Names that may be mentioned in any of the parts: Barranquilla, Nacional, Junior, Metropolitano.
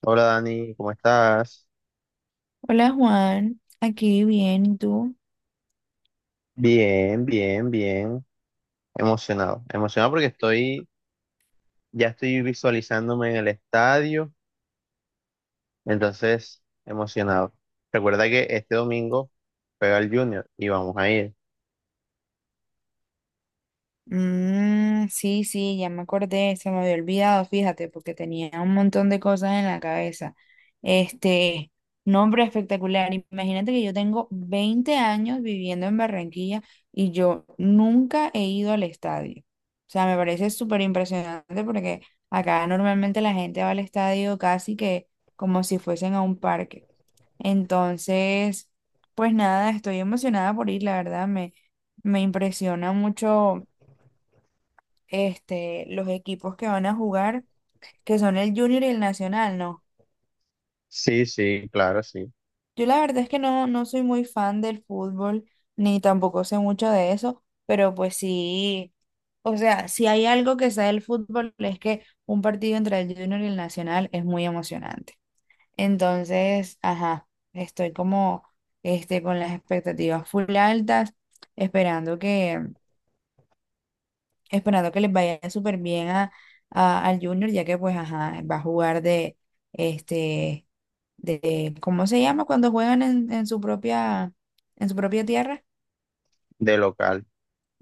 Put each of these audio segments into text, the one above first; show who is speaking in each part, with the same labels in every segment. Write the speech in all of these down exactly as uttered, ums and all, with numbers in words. Speaker 1: Hola Dani, ¿cómo estás?
Speaker 2: Hola Juan, aquí bien, ¿y tú?
Speaker 1: Bien, bien, bien. Emocionado. Emocionado porque estoy, ya estoy visualizándome en el estadio, entonces emocionado. Recuerda que este domingo pega el Junior y vamos a ir.
Speaker 2: Mm, sí, sí, ya me acordé, se me había olvidado, fíjate, porque tenía un montón de cosas en la cabeza. Este, Nombre espectacular, imagínate que yo tengo veinte años viviendo en Barranquilla y yo nunca he ido al estadio. O sea, me parece súper impresionante porque acá normalmente la gente va al estadio casi que como si fuesen a un parque. Entonces, pues nada, estoy emocionada por ir, la verdad, me, me impresiona mucho este, los equipos que van a jugar, que son el Junior y el Nacional, ¿no?
Speaker 1: Sí, sí, claro, sí,
Speaker 2: Yo la verdad es que no, no soy muy fan del fútbol, ni tampoco sé mucho de eso, pero pues sí, o sea, si hay algo que sea del fútbol es que un partido entre el Junior y el Nacional es muy emocionante. Entonces, ajá, estoy como este, con las expectativas full altas, esperando que, esperando que les vaya súper bien a, a- al Junior, ya que pues, ajá, va a jugar de, este, de, ¿cómo se llama? Cuando juegan en, en su propia, en su propia tierra.
Speaker 1: de local.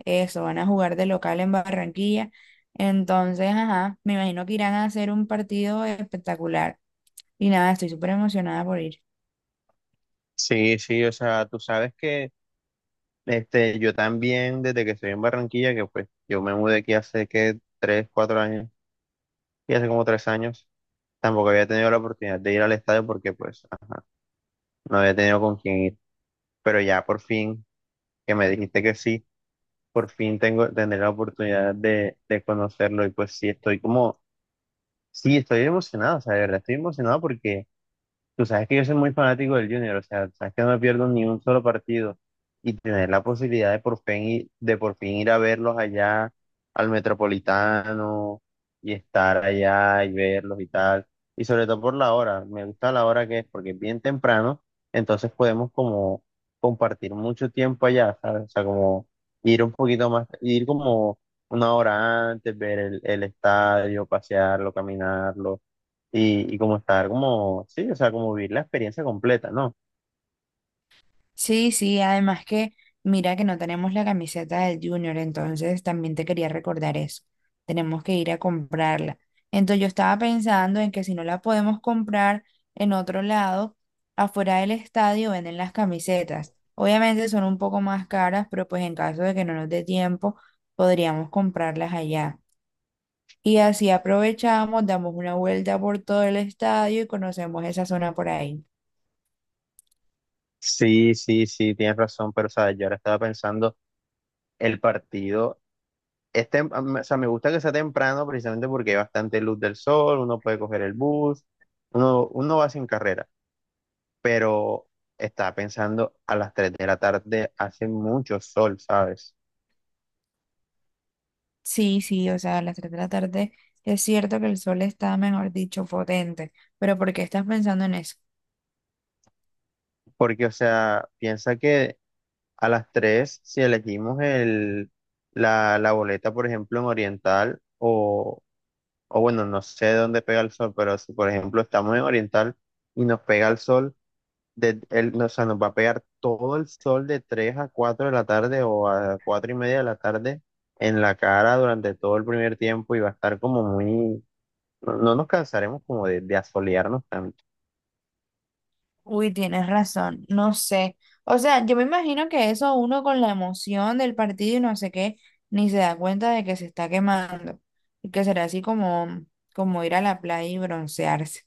Speaker 2: Eso, van a jugar de local en Barranquilla. Entonces, ajá, me imagino que irán a hacer un partido espectacular. Y nada, estoy súper emocionada por ir.
Speaker 1: Sí, sí, o sea, tú sabes que este, yo también, desde que estoy en Barranquilla, que pues yo me mudé aquí hace que tres, cuatro años, y hace como tres años, tampoco había tenido la oportunidad de ir al estadio porque pues no había tenido con quién ir, pero ya por fin, que me dijiste que sí, por fin tengo, tendré la oportunidad de, de conocerlo y pues sí, estoy como, sí, estoy emocionado, o sea, de verdad estoy emocionado porque tú sabes que yo soy muy fanático del Junior, o sea, sabes que no me pierdo ni un solo partido y tener la posibilidad de por fin, i- de por fin ir a verlos allá al Metropolitano y estar allá y verlos y tal. Y sobre todo por la hora, me gusta la hora que es porque es bien temprano, entonces podemos como compartir mucho tiempo allá, ¿sabes? O sea, como ir un poquito más, ir como una hora antes, ver el, el estadio, pasearlo, caminarlo y, y como estar como, sí, o sea, como vivir la experiencia completa, ¿no?
Speaker 2: Sí, sí, además que mira que no tenemos la camiseta del Junior, entonces también te quería recordar eso. Tenemos que ir a comprarla. Entonces yo estaba pensando en que si no la podemos comprar en otro lado, afuera del estadio venden las camisetas. Obviamente son un poco más caras, pero pues en caso de que no nos dé tiempo, podríamos comprarlas allá. Y así aprovechamos, damos una vuelta por todo el estadio y conocemos esa zona por ahí.
Speaker 1: Sí, sí, sí, tienes razón, pero, o sea, yo ahora estaba pensando, el partido, es tem- o sea, me gusta que sea temprano precisamente porque hay bastante luz del sol, uno puede coger el bus, uno, uno va sin carrera, pero estaba pensando a las tres de la tarde hace mucho sol, ¿sabes?
Speaker 2: Sí, sí, o sea, a las tres de la tarde es cierto que el sol está, mejor dicho, potente, pero ¿por qué estás pensando en eso?
Speaker 1: Porque, o sea, piensa que a las tres si elegimos el, la, la boleta, por ejemplo, en Oriental, o o bueno, no sé dónde pega el sol, pero si por ejemplo estamos en Oriental y nos pega el sol, de, el, o sea, nos va a pegar todo el sol de tres a cuatro de la tarde o a cuatro y media de la tarde en la cara durante todo el primer tiempo y va a estar como muy, no, no nos cansaremos como de, de asolearnos tanto.
Speaker 2: Uy, tienes razón, no sé. O sea, yo me imagino que eso uno con la emoción del partido y no sé qué, ni se da cuenta de que se está quemando y que será así como, como ir a la playa y broncearse.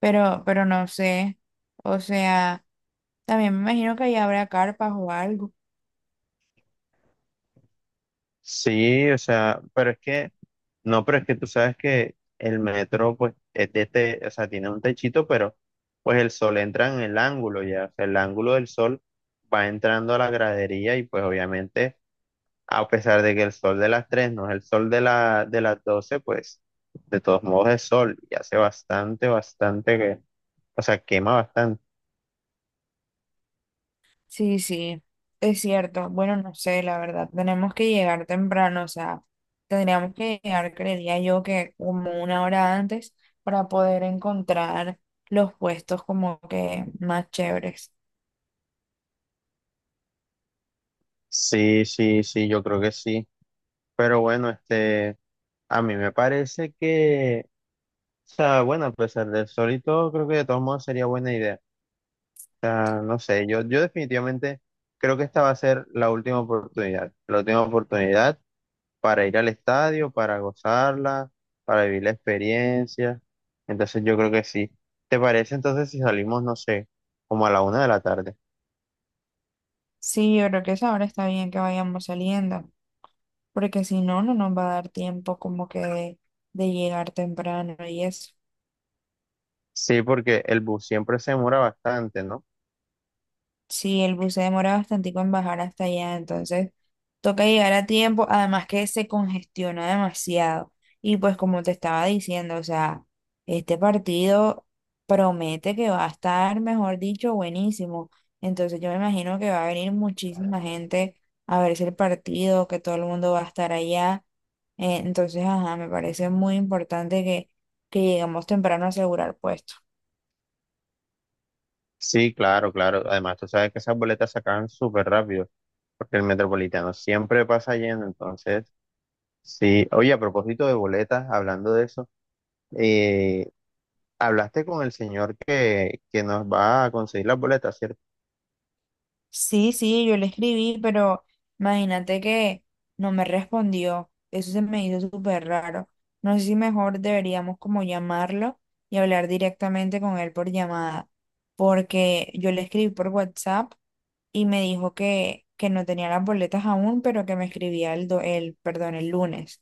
Speaker 2: Pero, pero no sé, o sea, también me imagino que ahí habrá carpas o algo.
Speaker 1: Sí, o sea, pero es que, no, pero es que tú sabes que el metro, pues, es de te, o sea, tiene un techito, pero pues el sol entra en el ángulo ya, o sea, el ángulo del sol va entrando a la gradería y pues obviamente, a pesar de que el sol de las tres no es el sol de la, de las doce pues, de todos modos es sol y hace bastante, bastante, que, o sea, quema bastante.
Speaker 2: Sí, sí, es cierto. Bueno, no sé, la verdad, tenemos que llegar temprano, o sea, tendríamos que llegar, creería yo, que como una hora antes para poder encontrar los puestos como que más chéveres.
Speaker 1: Sí, sí, sí, yo creo que sí. Pero bueno, este, a mí me parece que, o sea, bueno, a pesar de eso, y todo, creo que de todos modos sería buena idea. O sea, no sé, yo, yo definitivamente creo que esta va a ser la última oportunidad. La última oportunidad para ir al estadio, para gozarla, para vivir la experiencia. Entonces yo creo que sí. ¿Te parece entonces si salimos, no sé, como a la una de la tarde?
Speaker 2: Sí, yo creo que esa hora está bien que vayamos saliendo, porque si no, no nos va a dar tiempo como que de, de llegar temprano y eso.
Speaker 1: Sí, porque el bus siempre se demora bastante, ¿no?
Speaker 2: Sí, el bus se demora bastante en bajar hasta allá, entonces toca llegar a tiempo, además que se congestiona demasiado. Y pues como te estaba diciendo, o sea, este partido promete que va a estar, mejor dicho, buenísimo. Entonces yo me imagino que va a venir muchísima gente a verse el partido, que todo el mundo va a estar allá. Eh, entonces, ajá, me parece muy importante que, que lleguemos temprano a asegurar puesto.
Speaker 1: Sí, claro, claro. Además, tú sabes que esas boletas se acaban súper rápido, porque el metropolitano siempre pasa lleno, entonces… Sí, oye, a propósito de boletas, hablando de eso, eh, hablaste con el señor que, que nos va a conseguir las boletas, ¿cierto?
Speaker 2: Sí, sí, yo le escribí, pero imagínate que no me respondió. Eso se me hizo súper raro. No sé si mejor deberíamos como llamarlo y hablar directamente con él por llamada, porque yo le escribí por WhatsApp y me dijo que, que no tenía las boletas aún, pero que me escribía el, do- el, perdón, el lunes.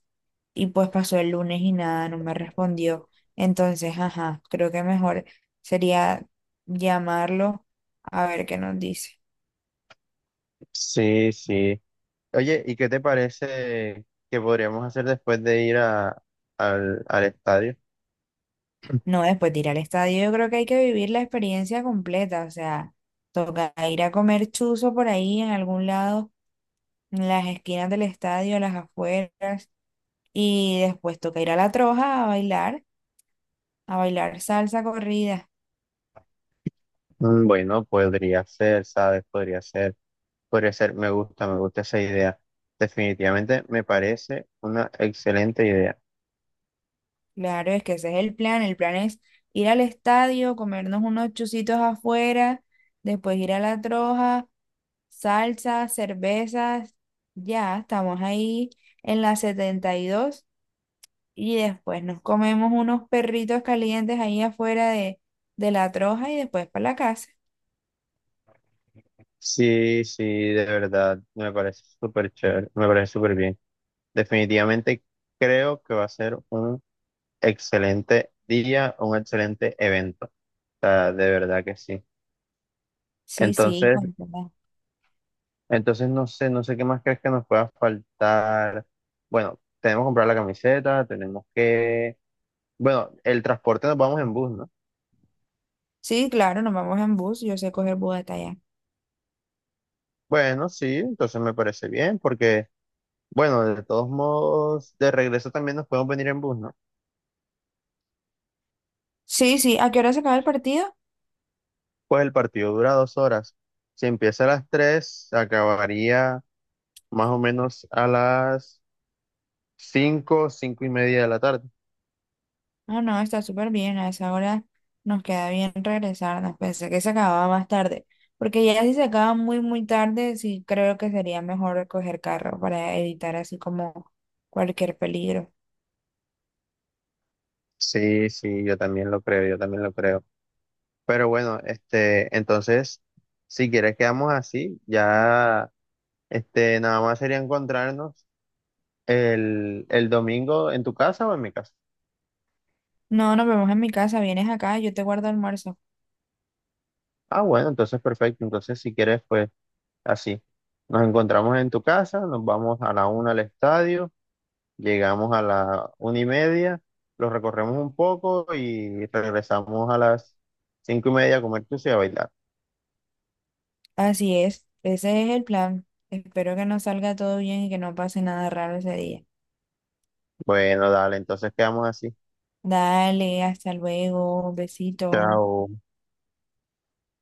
Speaker 2: Y pues pasó el lunes y nada, no me respondió. Entonces, ajá, creo que mejor sería llamarlo a ver qué nos dice.
Speaker 1: Sí, sí. Oye, ¿y qué te parece que podríamos hacer después de ir a- al, al estadio?
Speaker 2: No, después de ir al estadio, yo creo que hay que vivir la experiencia completa, o sea, toca ir a comer chuzo por ahí en algún lado, en las esquinas del estadio, a las afueras, y después toca ir a la troja a bailar, a bailar salsa corrida.
Speaker 1: Mm, bueno, podría ser, ¿sabes? Podría ser, podría ser, me gusta, me gusta esa idea. Definitivamente me parece una excelente idea.
Speaker 2: Claro, es que ese es el plan, el plan es ir al estadio, comernos unos chuzitos afuera, después ir a la troja, salsa, cervezas, ya, estamos ahí en la setenta y dos. Y después nos comemos unos perritos calientes ahí afuera de, de la troja y después para la casa.
Speaker 1: Sí, sí, de verdad, me parece súper chévere, me parece súper bien. Definitivamente creo que va a ser un excelente día, un excelente evento. O sea, de verdad que sí.
Speaker 2: Sí, sí,
Speaker 1: Entonces,
Speaker 2: con toda-
Speaker 1: entonces no sé, no sé qué más crees que nos pueda faltar. Bueno, tenemos que comprar la camiseta, tenemos que, bueno, el transporte nos vamos en bus, ¿no?
Speaker 2: Sí, claro, nos vamos en bus. Yo sé coger bus hasta allá.
Speaker 1: Bueno, sí, entonces me parece bien porque, bueno, de todos modos, de regreso también nos podemos venir en bus, ¿no?
Speaker 2: Sí, sí. ¿A qué hora se acaba el partido?
Speaker 1: Pues el partido dura dos horas. Si empieza a las tres, acabaría más o menos a las cinco, cinco y media de la tarde.
Speaker 2: No, no, está súper bien. A esa hora nos queda bien regresarnos. Pensé que se acababa más tarde. Porque ya si se acaba muy, muy tarde, sí creo que sería mejor coger carro para evitar así como cualquier peligro.
Speaker 1: Sí, sí, yo también lo creo, yo también lo creo. Pero bueno, este, entonces, si quieres quedamos así, ya, este, nada más sería encontrarnos el, el domingo en tu casa o en mi casa.
Speaker 2: No, nos vemos en mi casa. Vienes acá, yo te guardo almuerzo.
Speaker 1: Ah, bueno, entonces perfecto. Entonces, si quieres, pues así. Nos encontramos en tu casa, nos vamos a la una al estadio. Llegamos a la una y media, lo recorremos un poco y regresamos a las cinco y media a comer tucia y a bailar.
Speaker 2: Así es, ese es el plan. Espero que nos salga todo bien y que no pase nada raro ese día.
Speaker 1: Bueno, dale, entonces quedamos así.
Speaker 2: Dale, hasta luego, besito.
Speaker 1: Chao.